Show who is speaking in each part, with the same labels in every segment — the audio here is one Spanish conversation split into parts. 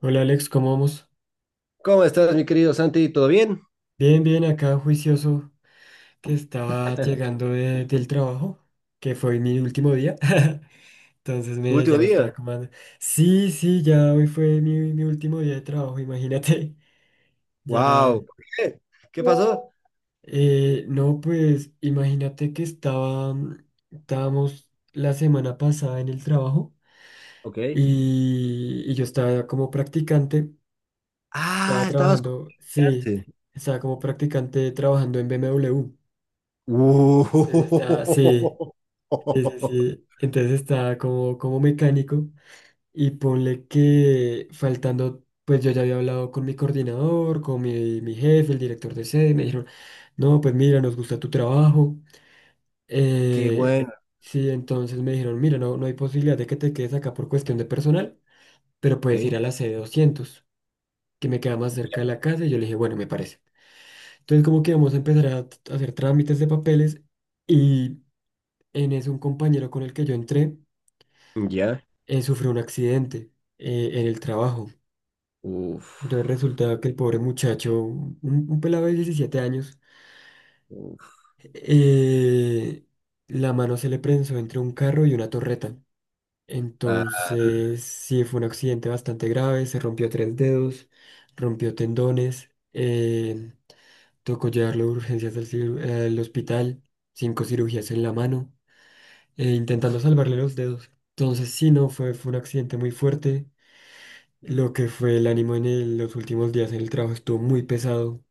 Speaker 1: Hola Alex, ¿cómo vamos?
Speaker 2: ¿Cómo estás, mi querido Santi? ¿Todo bien?
Speaker 1: Bien, bien, acá juicioso que estaba llegando del trabajo, que fue mi último día.
Speaker 2: ¿Tu último
Speaker 1: Ya me estaba
Speaker 2: día?
Speaker 1: comando. Sí, sí, ya hoy fue mi último día de trabajo, imagínate. Ya.
Speaker 2: Wow. ¿Por qué? ¿Qué? No, ¿pasó?
Speaker 1: No, pues imagínate que estaba, estábamos la semana pasada en el trabajo
Speaker 2: OK.
Speaker 1: y yo estaba como practicante, estaba
Speaker 2: Ah, estabas con
Speaker 1: trabajando, sí,
Speaker 2: picante.
Speaker 1: estaba como practicante trabajando en BMW.
Speaker 2: Uh,
Speaker 1: Entonces Está, sí, sí, sí, sí. Entonces está como, como mecánico y ponle que faltando, pues yo ya había hablado con mi coordinador, con mi jefe, el director de sede, y me dijeron, no, pues mira, nos gusta tu trabajo.
Speaker 2: Qué
Speaker 1: Eh,
Speaker 2: bueno.
Speaker 1: sí, entonces me dijeron, mira, no, no hay posibilidad de que te quedes acá por cuestión de personal, pero puedes ir a
Speaker 2: OK.
Speaker 1: la sede 200 que me queda más cerca de la casa, y yo le dije, bueno, me parece. Entonces como que vamos a empezar a a hacer trámites de papeles y en eso un compañero con el que yo entré,
Speaker 2: Ya.
Speaker 1: sufrió un accidente en el trabajo.
Speaker 2: Uf.
Speaker 1: Entonces resulta que el pobre muchacho, un pelado de 17 años,
Speaker 2: Uf.
Speaker 1: eh, la mano se le prensó entre un carro y una torreta.
Speaker 2: Ah,
Speaker 1: Entonces, sí, fue un accidente bastante grave, se rompió tres dedos, rompió tendones, tocó llevarlo de urgencias al hospital, cinco cirugías en la mano, intentando salvarle los dedos. Entonces, sí, no, fue un accidente muy fuerte. Lo que fue el ánimo en los últimos días en el trabajo estuvo muy pesado.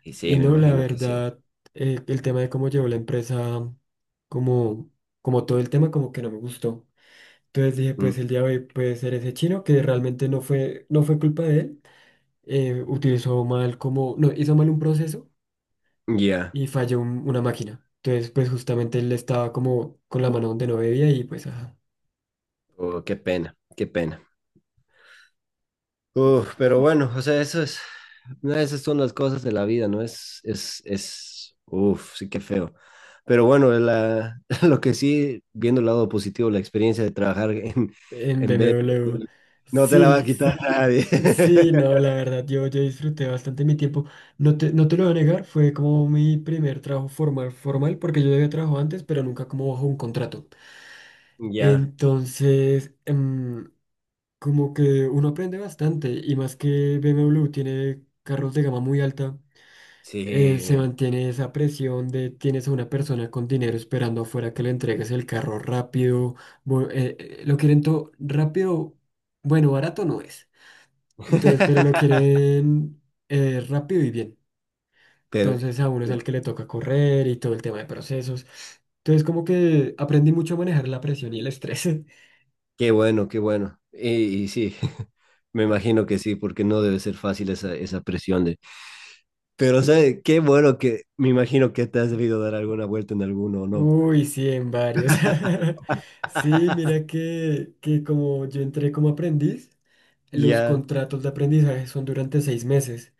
Speaker 2: y sí,
Speaker 1: Y
Speaker 2: me
Speaker 1: no, la
Speaker 2: imagino que sí.
Speaker 1: verdad, el tema de cómo llevó la empresa, como, como todo el tema, como que no me gustó. Entonces dije,
Speaker 2: Mm.
Speaker 1: pues el día de hoy puede ser ese chino que realmente no fue, no fue culpa de él. Utilizó mal como, no, hizo mal un proceso
Speaker 2: Ya.
Speaker 1: y falló una máquina. Entonces, pues justamente él estaba como con la mano donde no debía y pues, ajá,
Speaker 2: Oh, qué pena. Qué pena. Uf, pero bueno, o sea, eso es, no, esas son las cosas de la vida, ¿no? Es, sí que feo. Pero bueno, lo que sí, viendo el lado positivo, la experiencia de trabajar en,
Speaker 1: en
Speaker 2: en
Speaker 1: BMW.
Speaker 2: BMW, no te la va a
Speaker 1: Sí.
Speaker 2: quitar nadie.
Speaker 1: Sí, no, la verdad, yo disfruté bastante mi tiempo. No te lo voy a negar, fue como mi primer trabajo formal, formal, porque yo había trabajado antes, pero nunca como bajo un contrato.
Speaker 2: Ya,
Speaker 1: Entonces, como que uno aprende bastante, y más que BMW tiene carros de gama muy alta, se
Speaker 2: sí.
Speaker 1: mantiene esa presión de tienes a una persona con dinero esperando afuera que le entregues el carro rápido, lo quieren todo rápido, bueno, barato no es. Entonces, pero lo quieren rápido y bien.
Speaker 2: Pero
Speaker 1: Entonces, a uno es al que le toca correr y todo el tema de procesos. Entonces, como que aprendí mucho a manejar la presión y el estrés.
Speaker 2: qué bueno, qué bueno. Y sí, me imagino que sí, porque no debe ser fácil esa presión de. Pero, o sea, qué bueno que me imagino que te has debido dar alguna vuelta en alguno o no.
Speaker 1: Uy, sí, en varios. Sí, mira que como yo entré como aprendiz, los
Speaker 2: Ya,
Speaker 1: contratos de aprendizaje son durante seis meses,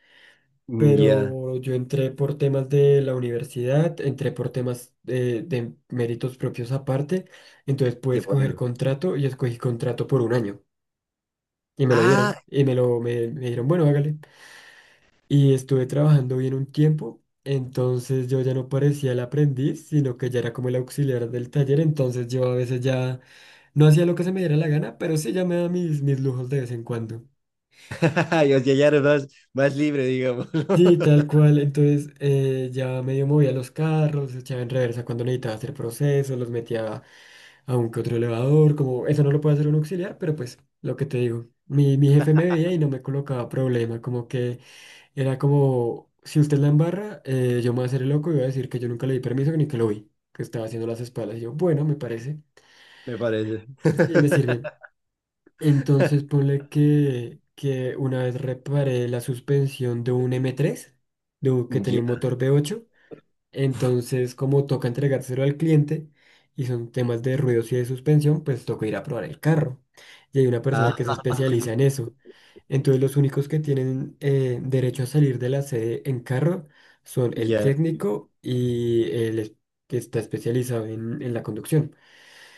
Speaker 2: ya,
Speaker 1: pero yo entré por temas de la universidad, entré por temas de méritos propios aparte, entonces pude
Speaker 2: qué
Speaker 1: escoger
Speaker 2: bueno.
Speaker 1: contrato y escogí contrato por un año. Y me lo
Speaker 2: Ah,
Speaker 1: dieron. Y me me dijeron, bueno, hágale. Y estuve trabajando bien un tiempo. Entonces yo ya no parecía el aprendiz, sino que ya era como el auxiliar del taller. Entonces yo a veces ya no hacía lo que se me diera la gana, pero sí ya me daba mis lujos de vez en cuando.
Speaker 2: yo ya eres más, más libre, digamos,
Speaker 1: Sí, tal cual. Entonces ya medio movía los carros, echaba en reversa cuando necesitaba hacer procesos, los metía a un que otro elevador. Como eso no lo puede hacer un auxiliar, pero pues lo que te digo. Mi jefe me veía y no me colocaba problema, como que era como, si usted la embarra, yo me voy a hacer el loco y voy a decir que yo nunca le di permiso, que ni que lo vi, que estaba haciendo las espaldas. Y yo, bueno, me parece,
Speaker 2: me parece.
Speaker 1: sí, me sirve. Entonces ponle que una vez reparé la suspensión de un m tres de que tenía
Speaker 2: Ya,
Speaker 1: un motor v ocho, entonces, como toca entregárselo al cliente y son temas de ruidos y de suspensión, pues toca ir a probar el carro. Y hay una persona que se
Speaker 2: ah,
Speaker 1: especializa en eso. Entonces, los únicos que tienen derecho a salir de la sede en carro son el
Speaker 2: ya,
Speaker 1: técnico y que está especializado en la conducción.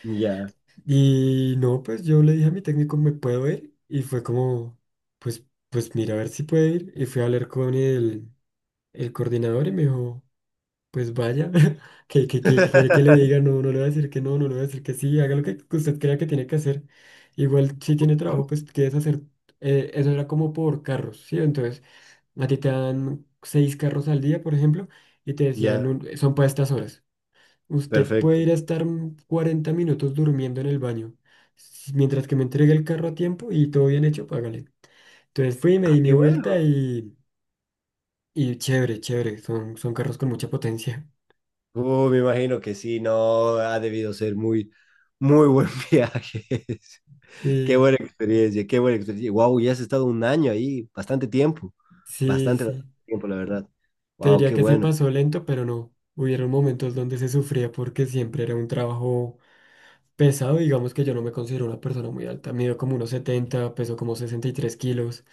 Speaker 2: ya,
Speaker 1: Y no, pues yo le dije a mi técnico, ¿me puedo ir? Y fue como, pues, pues mira, a ver si puede ir. Y fui a hablar con el coordinador y me dijo... Pues vaya, que quiere que le diga, no, no le va a decir que no, no le va a decir que sí, haga lo que usted crea que tiene que hacer. Igual si tiene trabajo, pues quieres hacer, eso era como por carros, ¿sí? Entonces, a ti te dan seis carros al día, por ejemplo, y te
Speaker 2: ya,
Speaker 1: decían, son para estas horas. Usted puede
Speaker 2: perfecto.
Speaker 1: ir a estar 40 minutos durmiendo en el baño, mientras que me entregue el carro a tiempo y todo bien hecho, págale. Entonces fui, me
Speaker 2: Ah,
Speaker 1: di
Speaker 2: qué
Speaker 1: mi
Speaker 2: bueno.
Speaker 1: vuelta y chévere, chévere, son carros con mucha potencia.
Speaker 2: Me imagino que sí, no, ha debido ser muy, muy buen viaje. Qué
Speaker 1: Sí.
Speaker 2: buena experiencia, qué buena experiencia. Wow, ya has estado un año ahí, bastante tiempo,
Speaker 1: Sí,
Speaker 2: bastante, bastante
Speaker 1: sí.
Speaker 2: tiempo, la verdad.
Speaker 1: Te
Speaker 2: Wow,
Speaker 1: diría
Speaker 2: qué
Speaker 1: que se
Speaker 2: bueno.
Speaker 1: pasó lento, pero no. Hubieron momentos donde se sufría porque siempre era un trabajo pesado. Digamos que yo no me considero una persona muy alta. Mido como unos 70, peso como 63 kilos.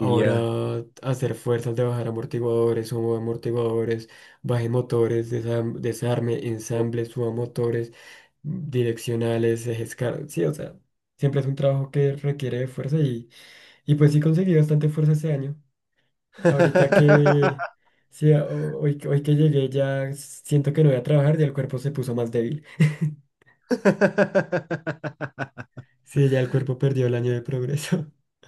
Speaker 2: Ya.
Speaker 1: hacer fuerzas de bajar amortiguadores, subo amortiguadores, baje motores, desarme, ensamble, suba motores, direccionales, sí, o sea, siempre es un trabajo que requiere de fuerza y pues sí conseguí bastante fuerza este año. Ahorita que sí, hoy que llegué ya siento que no voy a trabajar, ya el cuerpo se puso más débil. Sí, ya el cuerpo perdió el año de progreso.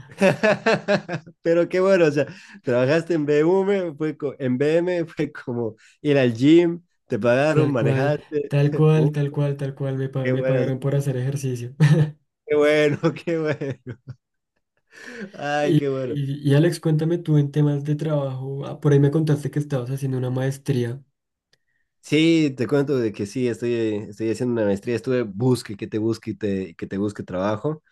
Speaker 2: Pero qué bueno, o sea, trabajaste en BM, en BM, fue como ir al gym, te pagaron,
Speaker 1: Tal cual,
Speaker 2: manejaste.
Speaker 1: tal cual,
Speaker 2: Uh,
Speaker 1: tal cual, tal cual,
Speaker 2: qué
Speaker 1: me
Speaker 2: bueno,
Speaker 1: pagaron por hacer ejercicio.
Speaker 2: qué bueno, qué bueno. Ay, qué bueno.
Speaker 1: Y, y Alex, cuéntame tú en temas de trabajo. Ah, por ahí me contaste que estabas haciendo una maestría.
Speaker 2: Sí, te cuento de que sí, estoy haciendo una maestría, estuve busque que te busque que te busque trabajo.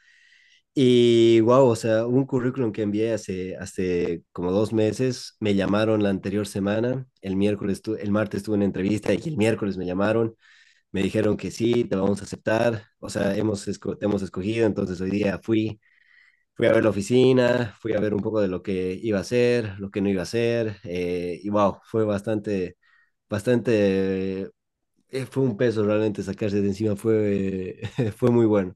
Speaker 2: Y wow, o sea, un currículum que envié hace como 2 meses, me llamaron la anterior semana, el miércoles, el martes tuve una entrevista y el miércoles me llamaron, me dijeron que sí, te vamos a aceptar, o sea, te hemos escogido, entonces hoy día fui, fui a ver la oficina, fui a ver un poco de lo que iba a hacer, lo que no iba a hacer, y wow, fue bastante, bastante, fue un peso realmente sacarse de encima, fue, fue muy bueno.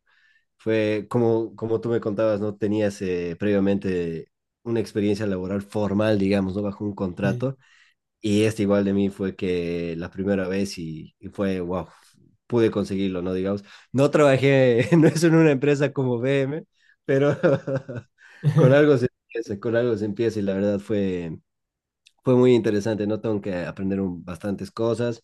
Speaker 2: Fue como tú me contabas, ¿no? Tenías previamente una experiencia laboral formal, digamos, ¿no? Bajo un
Speaker 1: Sí,
Speaker 2: contrato. Y este igual de mí fue que la primera vez y fue, wow, pude conseguirlo, ¿no? Digamos, no trabajé, no es en una empresa como BM, pero con algo se empieza, con algo se empieza y la verdad fue, fue muy interesante, ¿no? Tengo que aprender bastantes cosas,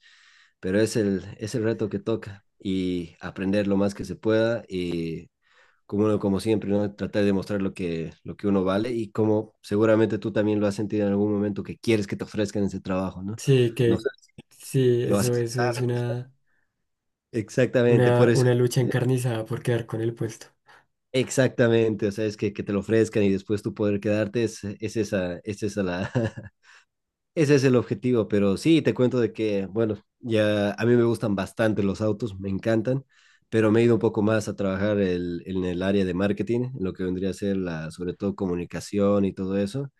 Speaker 2: pero es el, reto que toca y aprender lo más que se pueda y como siempre, ¿no? Tratar de demostrar lo que uno vale y como seguramente tú también lo has sentido en algún momento que quieres que te ofrezcan ese trabajo, ¿no?
Speaker 1: sí,
Speaker 2: No
Speaker 1: que
Speaker 2: sé,
Speaker 1: sí,
Speaker 2: lo vas a
Speaker 1: eso es
Speaker 2: aceptar.
Speaker 1: una,
Speaker 2: Exactamente, por eso.
Speaker 1: una lucha
Speaker 2: eh,
Speaker 1: encarnizada por quedar con el puesto.
Speaker 2: Exactamente, o sea, es que te lo ofrezcan y después tú poder quedarte, es esa. Ese es el objetivo, pero sí, te cuento de que, bueno, ya a mí me gustan bastante los autos, me encantan, pero me he ido un poco más a trabajar en el área de marketing, en lo que vendría a ser sobre todo comunicación y todo eso.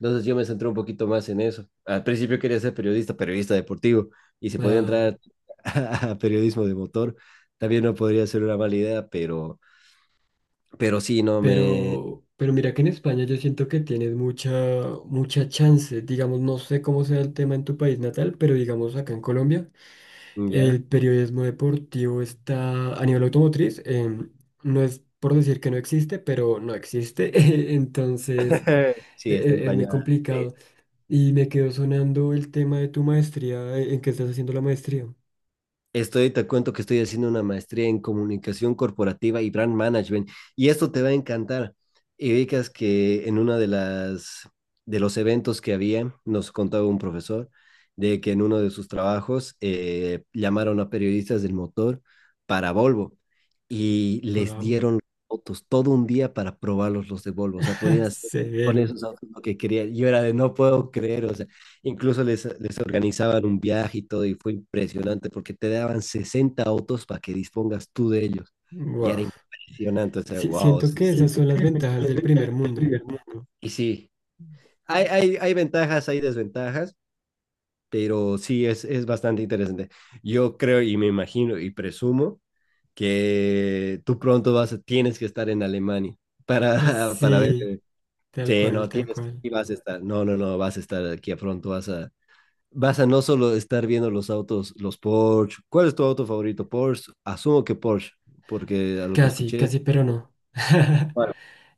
Speaker 2: Entonces yo me centré un poquito más en eso. Al principio quería ser periodista, periodista deportivo, y si podía
Speaker 1: Ah,
Speaker 2: entrar a periodismo de motor, también no podría ser una mala idea, pero sí, no me.
Speaker 1: pero mira que en España yo siento que tienes mucha, mucha chance. Digamos, no sé cómo sea el tema en tu país natal, pero digamos acá en Colombia,
Speaker 2: Ya,
Speaker 1: el periodismo deportivo está a nivel automotriz. No es por decir que no existe, pero no existe. Entonces,
Speaker 2: sí, está
Speaker 1: es muy
Speaker 2: empañada. Sí.
Speaker 1: complicado. Y me quedó sonando el tema de tu maestría. ¿En qué estás haciendo la maestría?
Speaker 2: Te cuento que estoy haciendo una maestría en comunicación corporativa y brand management, y esto te va a encantar. Y ubicas que en una de las de los eventos que había, nos contaba un profesor de que en uno de sus trabajos llamaron a periodistas del motor para Volvo y les
Speaker 1: Wow.
Speaker 2: dieron autos todo un día para probarlos los de Volvo. O sea, podían hacer con
Speaker 1: Severo.
Speaker 2: esos autos lo que querían. Yo era de no puedo creer, o sea, incluso les organizaban un viaje y todo, y fue impresionante porque te daban 60 autos para que dispongas tú de ellos. Y era
Speaker 1: Wow.
Speaker 2: impresionante, o sea,
Speaker 1: Sí,
Speaker 2: wow.
Speaker 1: siento que esas son las ventajas del primer mundo.
Speaker 2: Y sí, hay ventajas, hay desventajas, pero sí es bastante interesante. Yo creo y me imagino y presumo que tú pronto tienes que estar en Alemania para, para ver.
Speaker 1: Sí, tal
Speaker 2: Sí,
Speaker 1: cual,
Speaker 2: no,
Speaker 1: tal
Speaker 2: tienes
Speaker 1: cual.
Speaker 2: que vas a estar. No, no, no, vas a estar aquí a pronto, vas a no solo estar viendo los autos, los Porsche. ¿Cuál es tu auto favorito? Porsche. Asumo que Porsche, porque a lo que
Speaker 1: Casi,
Speaker 2: escuché.
Speaker 1: casi, pero no.
Speaker 2: Bueno.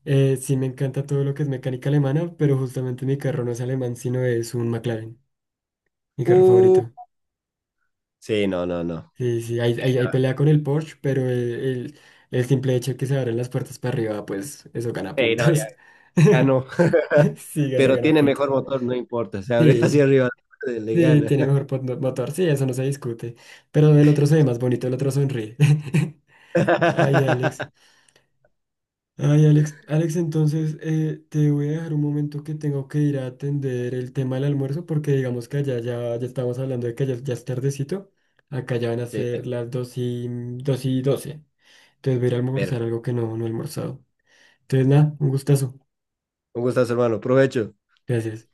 Speaker 1: Sí, me encanta todo lo que es mecánica alemana, pero justamente mi carro no es alemán, sino es un McLaren, mi carro
Speaker 2: Uh,
Speaker 1: favorito.
Speaker 2: sí, no, no, no.
Speaker 1: Sí, sí, hay pelea con el Porsche, pero el simple hecho de que se abran las puertas para arriba, pues eso gana
Speaker 2: Sí, no, ya,
Speaker 1: puntos.
Speaker 2: ya no.
Speaker 1: Sí,
Speaker 2: Pero
Speaker 1: gana
Speaker 2: tiene
Speaker 1: puntos.
Speaker 2: mejor motor, no importa. Se abre hacia
Speaker 1: Sí,
Speaker 2: arriba, le
Speaker 1: sí,
Speaker 2: gana.
Speaker 1: tiene mejor motor, sí, eso no se discute. Pero el otro se ve más bonito, el otro sonríe. Ay, Alex. Ay, Alex, entonces te voy a dejar un momento que tengo que ir a atender el tema del almuerzo porque digamos que allá ya, ya estamos hablando de que ya, ya es tardecito. Acá ya van a
Speaker 2: Sí,
Speaker 1: ser las 2 y 12. Entonces voy a ir a
Speaker 2: pero.
Speaker 1: almorzar algo que no, no he almorzado. Entonces nada, un gustazo.
Speaker 2: Un gustazo, hermano. Provecho.
Speaker 1: Gracias.